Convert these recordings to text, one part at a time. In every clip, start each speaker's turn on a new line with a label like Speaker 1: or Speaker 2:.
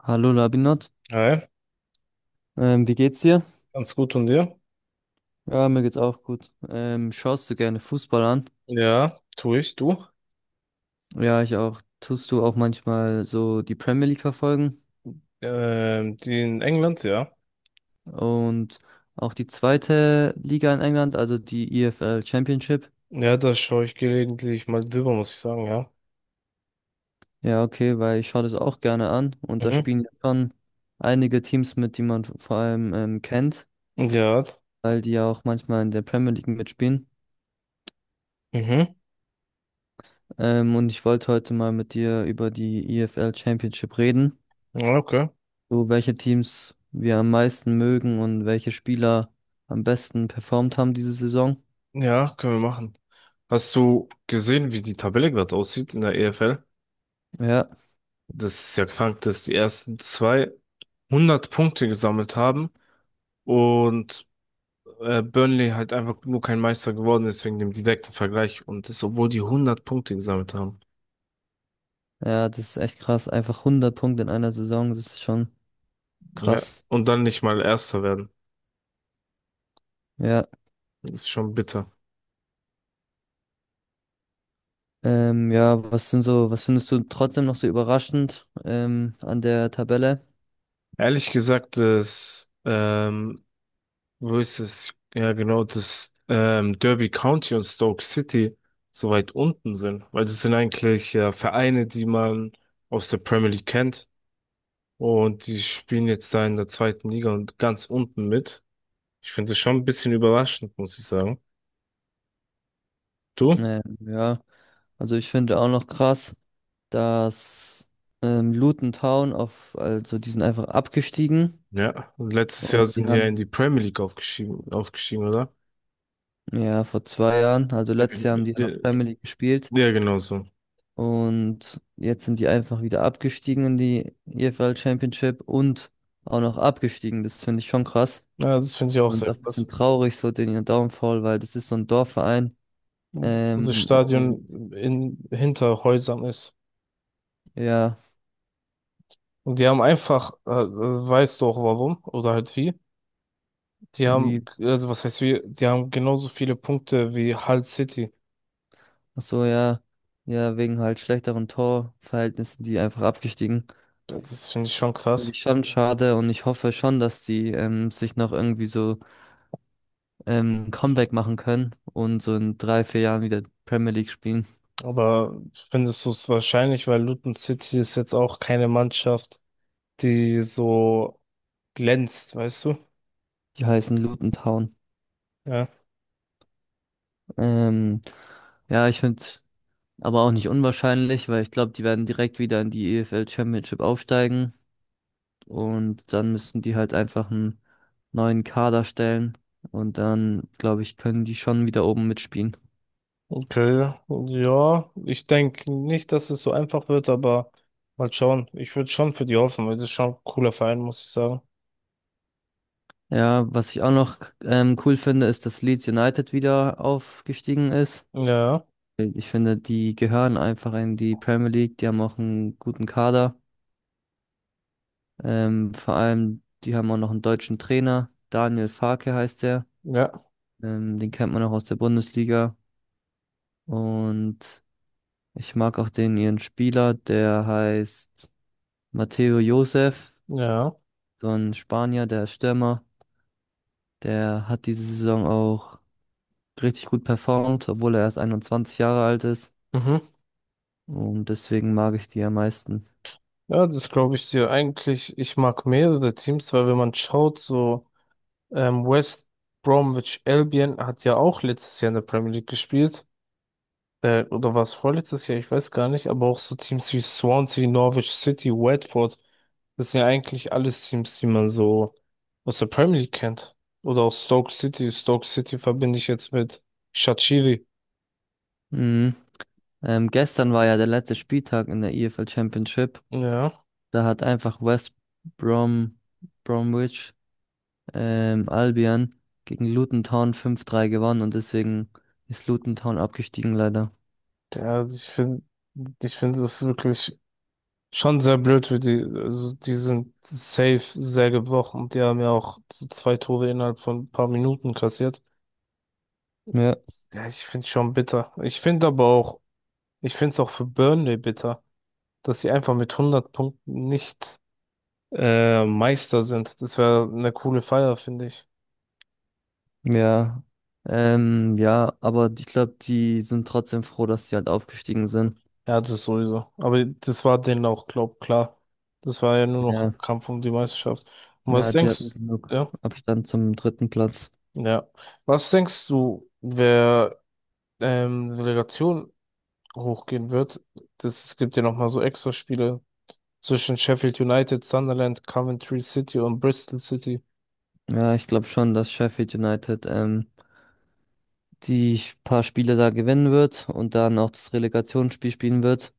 Speaker 1: Hallo Labinot,
Speaker 2: Hi,
Speaker 1: wie geht's dir?
Speaker 2: ganz gut und dir?
Speaker 1: Ja, mir geht's auch gut. Schaust du gerne Fußball an?
Speaker 2: Ja, tue ich, du?
Speaker 1: Ja, ich auch. Tust du auch manchmal so die Premier League verfolgen
Speaker 2: Die in England, ja.
Speaker 1: und auch die zweite Liga in England, also die EFL Championship?
Speaker 2: Ja, da schaue ich gelegentlich mal drüber, muss ich sagen, ja.
Speaker 1: Ja, okay, weil ich schaue das auch gerne an und da
Speaker 2: Mhm.
Speaker 1: spielen ja schon einige Teams mit, die man vor allem kennt,
Speaker 2: Ja,
Speaker 1: weil die ja auch manchmal in der Premier League mitspielen.
Speaker 2: mhm.
Speaker 1: Und ich wollte heute mal mit dir über die EFL Championship reden,
Speaker 2: Ja, okay.
Speaker 1: so welche Teams wir am meisten mögen und welche Spieler am besten performt haben diese Saison.
Speaker 2: Ja, können wir machen. Hast du gesehen, wie die Tabelle gerade aussieht in der EFL?
Speaker 1: Ja,
Speaker 2: Das ist ja krank, dass die ersten zwei 100 Punkte gesammelt haben und Burnley halt einfach nur kein Meister geworden ist wegen dem direkten Vergleich und das, obwohl die 100 Punkte gesammelt haben.
Speaker 1: ja, das ist echt krass. Einfach 100 Punkte in einer Saison, das ist schon
Speaker 2: Ja.
Speaker 1: krass.
Speaker 2: Und dann nicht mal Erster werden.
Speaker 1: Ja,
Speaker 2: Das ist schon bitter.
Speaker 1: ja, was sind so, was findest du trotzdem noch so überraschend an der Tabelle?
Speaker 2: Ehrlich gesagt, wo ist es? Ja, genau, dass Derby County und Stoke City so weit unten sind, weil das sind eigentlich ja Vereine, die man aus der Premier League kennt und die spielen jetzt da in der zweiten Liga und ganz unten mit. Ich finde das schon ein bisschen überraschend, muss ich sagen. Du?
Speaker 1: Ja, also ich finde auch noch krass, dass Luton Town auf, also die sind einfach abgestiegen
Speaker 2: Ja, und letztes
Speaker 1: und
Speaker 2: Jahr
Speaker 1: die
Speaker 2: sind die ja in die
Speaker 1: haben
Speaker 2: Premier League aufgestiegen, oder?
Speaker 1: ja vor 2 Jahren, also letztes Jahr haben die ja noch
Speaker 2: Ja,
Speaker 1: Premier League gespielt.
Speaker 2: ja, genau so.
Speaker 1: Und jetzt sind die einfach wieder abgestiegen in die EFL Championship und auch noch abgestiegen. Das finde ich schon krass.
Speaker 2: Ja, das finde ich auch
Speaker 1: Und
Speaker 2: sehr
Speaker 1: auch ein
Speaker 2: krass.
Speaker 1: bisschen traurig, so den ihr Downfall, weil das ist so ein Dorfverein.
Speaker 2: Wo das
Speaker 1: Ähm, und
Speaker 2: Stadion hinter Häusern ist.
Speaker 1: ja,
Speaker 2: Und die haben einfach, also weißt du auch warum oder halt wie, die haben,
Speaker 1: wie,
Speaker 2: also was heißt wie, die haben genauso viele Punkte wie Hull City.
Speaker 1: ach so, ja, ja, wegen halt schlechteren Torverhältnissen, die einfach abgestiegen.
Speaker 2: Das finde ich schon
Speaker 1: Finde
Speaker 2: krass.
Speaker 1: ich schon schade und ich hoffe schon, dass die sich noch irgendwie so Comeback machen können und so in drei, vier Jahren wieder Premier League spielen.
Speaker 2: Aber findest du es wahrscheinlich, weil Luton City ist jetzt auch keine Mannschaft, die so glänzt, weißt du?
Speaker 1: Die heißen Luton Town.
Speaker 2: Ja.
Speaker 1: Ähm, ja, ich finde es aber auch nicht unwahrscheinlich, weil ich glaube, die werden direkt wieder in die EFL Championship aufsteigen und dann müssen die halt einfach einen neuen Kader stellen und dann, glaube ich, können die schon wieder oben mitspielen.
Speaker 2: Okay, ja, ich denke nicht, dass es so einfach wird, aber mal schauen. Ich würde schon für die hoffen, weil das ist schon ein cooler Verein, muss ich sagen.
Speaker 1: Ja, was ich auch noch cool finde, ist, dass Leeds United wieder aufgestiegen ist.
Speaker 2: Ja,
Speaker 1: Ich finde, die gehören einfach in die Premier League, die haben auch einen guten Kader. Vor allem, die haben auch noch einen deutschen Trainer, Daniel Farke heißt der.
Speaker 2: ja,
Speaker 1: Den kennt man auch aus der Bundesliga. Und ich mag auch den ihren Spieler, der heißt Mateo Josef,
Speaker 2: ja.
Speaker 1: so ein Spanier, der ist Stürmer. Der hat diese Saison auch richtig gut performt, obwohl er erst 21 Jahre alt ist.
Speaker 2: Mhm.
Speaker 1: Und deswegen mag ich die am meisten.
Speaker 2: Ja, das glaube ich dir. Eigentlich, ich mag mehrere Teams, weil wenn man schaut, so West Bromwich Albion hat ja auch letztes Jahr in der Premier League gespielt. Oder war es vorletztes Jahr? Ich weiß gar nicht. Aber auch so Teams wie Swansea, Norwich City, Watford, das sind ja eigentlich alles Teams, die man so aus der Premier League kennt. Oder auch Stoke City. Stoke City verbinde ich jetzt mit Shaqiri.
Speaker 1: Mhm. Gestern war ja der letzte Spieltag in der EFL Championship.
Speaker 2: Ja,
Speaker 1: Da hat einfach West Brom, Bromwich Albion gegen Luton Town 5-3 gewonnen und deswegen ist Luton Town abgestiegen leider.
Speaker 2: ja, ich finde das wirklich schon sehr blöd für die, also die sind safe sehr gebrochen. Die haben ja auch so zwei Tore innerhalb von ein paar Minuten kassiert.
Speaker 1: Ja,
Speaker 2: Ja, ich finde schon bitter. Ich finde aber auch, ich finde es auch für Burnley bitter, dass sie einfach mit 100 Punkten nicht Meister sind. Das wäre eine coole Feier, finde ich.
Speaker 1: ja. Ja, aber ich glaube, die sind trotzdem froh, dass sie halt aufgestiegen sind.
Speaker 2: Ja, das sowieso. Aber das war denen auch, glaub, klar. Das war ja nur noch
Speaker 1: Ja,
Speaker 2: Kampf um die Meisterschaft. Und was
Speaker 1: ja, die hatten
Speaker 2: denkst,
Speaker 1: genug
Speaker 2: ja,
Speaker 1: Abstand zum dritten Platz.
Speaker 2: ja. Was denkst du, wer Relegation hochgehen wird? Es gibt ja nochmal so Extraspiele zwischen Sheffield United, Sunderland, Coventry City und Bristol City.
Speaker 1: Ja, ich glaube schon, dass Sheffield United die paar Spiele da gewinnen wird und dann auch das Relegationsspiel spielen wird,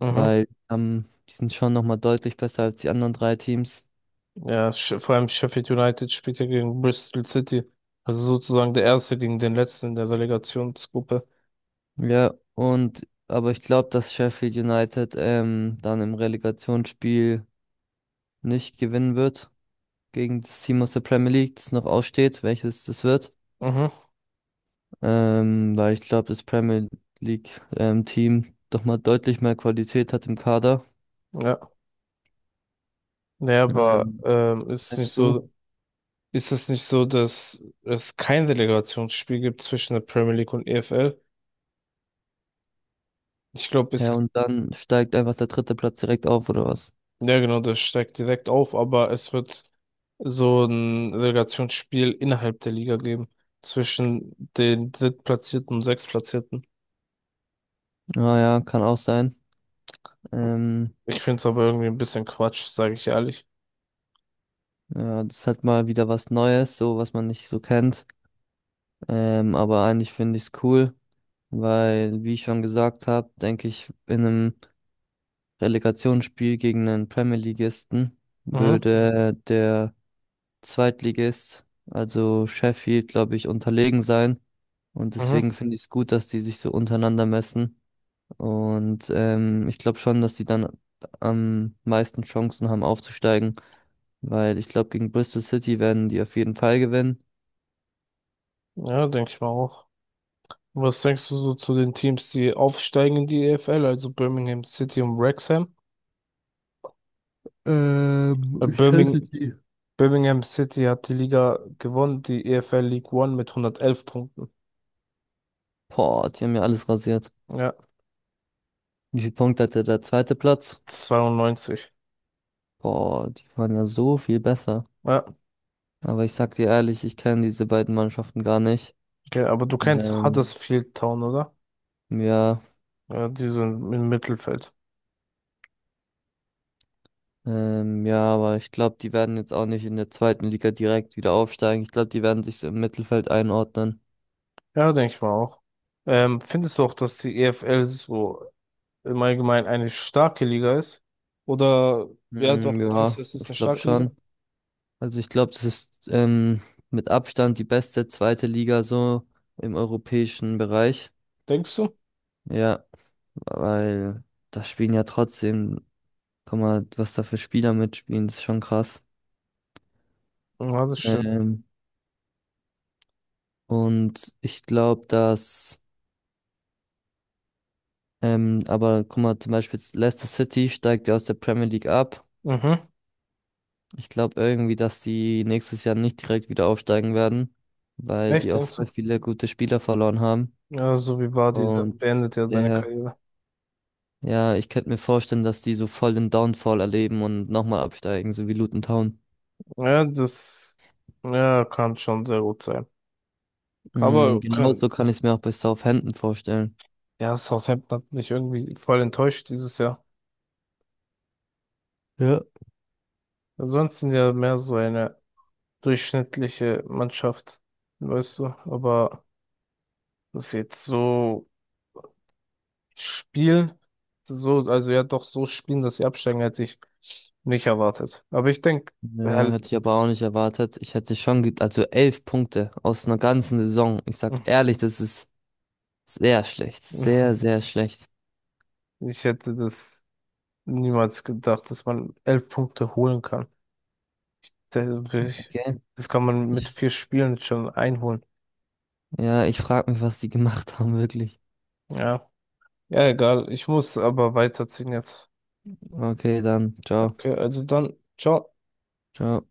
Speaker 2: Mhm.
Speaker 1: weil die sind schon nochmal deutlich besser als die anderen drei Teams.
Speaker 2: Ja, vor allem Sheffield United spielt ja gegen Bristol City. Also sozusagen der Erste gegen den Letzten in der Relegationsgruppe.
Speaker 1: Ja, und aber ich glaube, dass Sheffield United dann im Relegationsspiel nicht gewinnen wird gegen das Team aus der Premier League, das noch aussteht, welches das wird.
Speaker 2: Mhm.
Speaker 1: Weil ich glaube, das Premier League Team doch mal deutlich mehr Qualität hat im Kader.
Speaker 2: Ja. Naja, aber
Speaker 1: Ähm, Denkst du?
Speaker 2: ist es nicht so, dass es kein Relegationsspiel gibt zwischen der Premier League und EFL? Ich glaube,
Speaker 1: Ja, und dann steigt einfach der dritte Platz direkt auf, oder was?
Speaker 2: ja genau, das steigt direkt auf, aber es wird so ein Relegationsspiel innerhalb der Liga geben. Zwischen den Drittplatzierten und Sechstplatzierten.
Speaker 1: Ah ja, kann auch sein. Ähm,
Speaker 2: Ich finde es aber irgendwie ein bisschen Quatsch, sage ich ehrlich.
Speaker 1: ja, das ist halt mal wieder was Neues, so was man nicht so kennt. Aber eigentlich finde ich es cool, weil, wie ich schon gesagt habe, denke ich, in einem Relegationsspiel gegen einen Premier Ligisten
Speaker 2: Mhm,
Speaker 1: würde der Zweitligist, also Sheffield, glaube ich, unterlegen sein. Und
Speaker 2: mhm.
Speaker 1: deswegen finde ich es gut, dass die sich so untereinander messen. Und ich glaube schon, dass die dann am meisten Chancen haben aufzusteigen, weil ich glaube, gegen Bristol City werden die auf jeden Fall gewinnen.
Speaker 2: Ja, denke ich mal auch. Was denkst du so zu den Teams, die aufsteigen in die EFL, also Birmingham City und Wrexham? Äh,
Speaker 1: Ich kannte
Speaker 2: Birmingham,
Speaker 1: die.
Speaker 2: Birmingham City hat die Liga gewonnen, die EFL League One mit 111 Punkten.
Speaker 1: Boah, die haben ja alles rasiert.
Speaker 2: Ja,
Speaker 1: Wie viel Punkte hatte der zweite Platz?
Speaker 2: 92.
Speaker 1: Boah, die waren ja so viel besser.
Speaker 2: Ja,
Speaker 1: Aber ich sag dir ehrlich, ich kenne diese beiden Mannschaften gar nicht.
Speaker 2: okay, aber du kennst
Speaker 1: Ähm,
Speaker 2: Huddersfield Town, oder?
Speaker 1: ja,
Speaker 2: Ja, die sind im Mittelfeld.
Speaker 1: ja, aber ich glaube, die werden jetzt auch nicht in der zweiten Liga direkt wieder aufsteigen. Ich glaube, die werden sich so im Mittelfeld einordnen.
Speaker 2: Ja, denke ich mal auch. Findest du auch, dass die EFL so im Allgemeinen eine starke Liga ist? Oder, ja, doch,
Speaker 1: Hm,
Speaker 2: denkst
Speaker 1: ja,
Speaker 2: du, es ist
Speaker 1: ich
Speaker 2: eine
Speaker 1: glaube
Speaker 2: starke Liga?
Speaker 1: schon. Also ich glaube, das ist mit Abstand die beste zweite Liga so im europäischen Bereich.
Speaker 2: Denkst du?
Speaker 1: Ja, weil da spielen ja trotzdem, guck mal, was da für Spieler mitspielen, das ist schon krass.
Speaker 2: Ja, das stimmt.
Speaker 1: Ähm, ich glaube, dass, aber guck mal, zum Beispiel jetzt Leicester City steigt ja aus der Premier League ab.
Speaker 2: Mhm.
Speaker 1: Ich glaube irgendwie, dass die nächstes Jahr nicht direkt wieder aufsteigen werden, weil die
Speaker 2: Echt,
Speaker 1: auch
Speaker 2: denkst
Speaker 1: voll
Speaker 2: du?
Speaker 1: viele gute Spieler verloren haben.
Speaker 2: Ja, so wie Vardy, der
Speaker 1: Und
Speaker 2: beendet ja seine
Speaker 1: der,
Speaker 2: Karriere.
Speaker 1: ja, ich könnte mir vorstellen, dass die so voll den Downfall erleben und nochmal absteigen, so wie Luton Town.
Speaker 2: Ja, das ja, kann schon sehr gut sein. Mhm.
Speaker 1: Mhm,
Speaker 2: Aber kann,
Speaker 1: genauso kann ich es mir auch bei Southampton vorstellen.
Speaker 2: ja, Southampton hat mich irgendwie voll enttäuscht dieses Jahr.
Speaker 1: Ja.
Speaker 2: Ansonsten ja mehr so eine durchschnittliche Mannschaft, weißt du. Aber dass sie jetzt so spielen, so, also ja doch so spielen, dass sie absteigen, hätte ich nicht erwartet. Aber ich denke,
Speaker 1: Ja, hätte ich aber auch nicht erwartet. Ich hätte schon, ge- also 11 Punkte aus einer ganzen Saison. Ich sag ehrlich, das ist sehr schlecht. Sehr, sehr schlecht.
Speaker 2: ich hätte das niemals gedacht, dass man 11 Punkte holen kann. Das,
Speaker 1: Okay.
Speaker 2: das kann man mit
Speaker 1: Ich,
Speaker 2: vier Spielen schon einholen.
Speaker 1: ja, ich frage mich, was die gemacht haben, wirklich.
Speaker 2: Ja. Ja, egal. Ich muss aber weiterziehen jetzt.
Speaker 1: Okay, dann. Ciao.
Speaker 2: Okay, also dann, ciao.
Speaker 1: Ciao.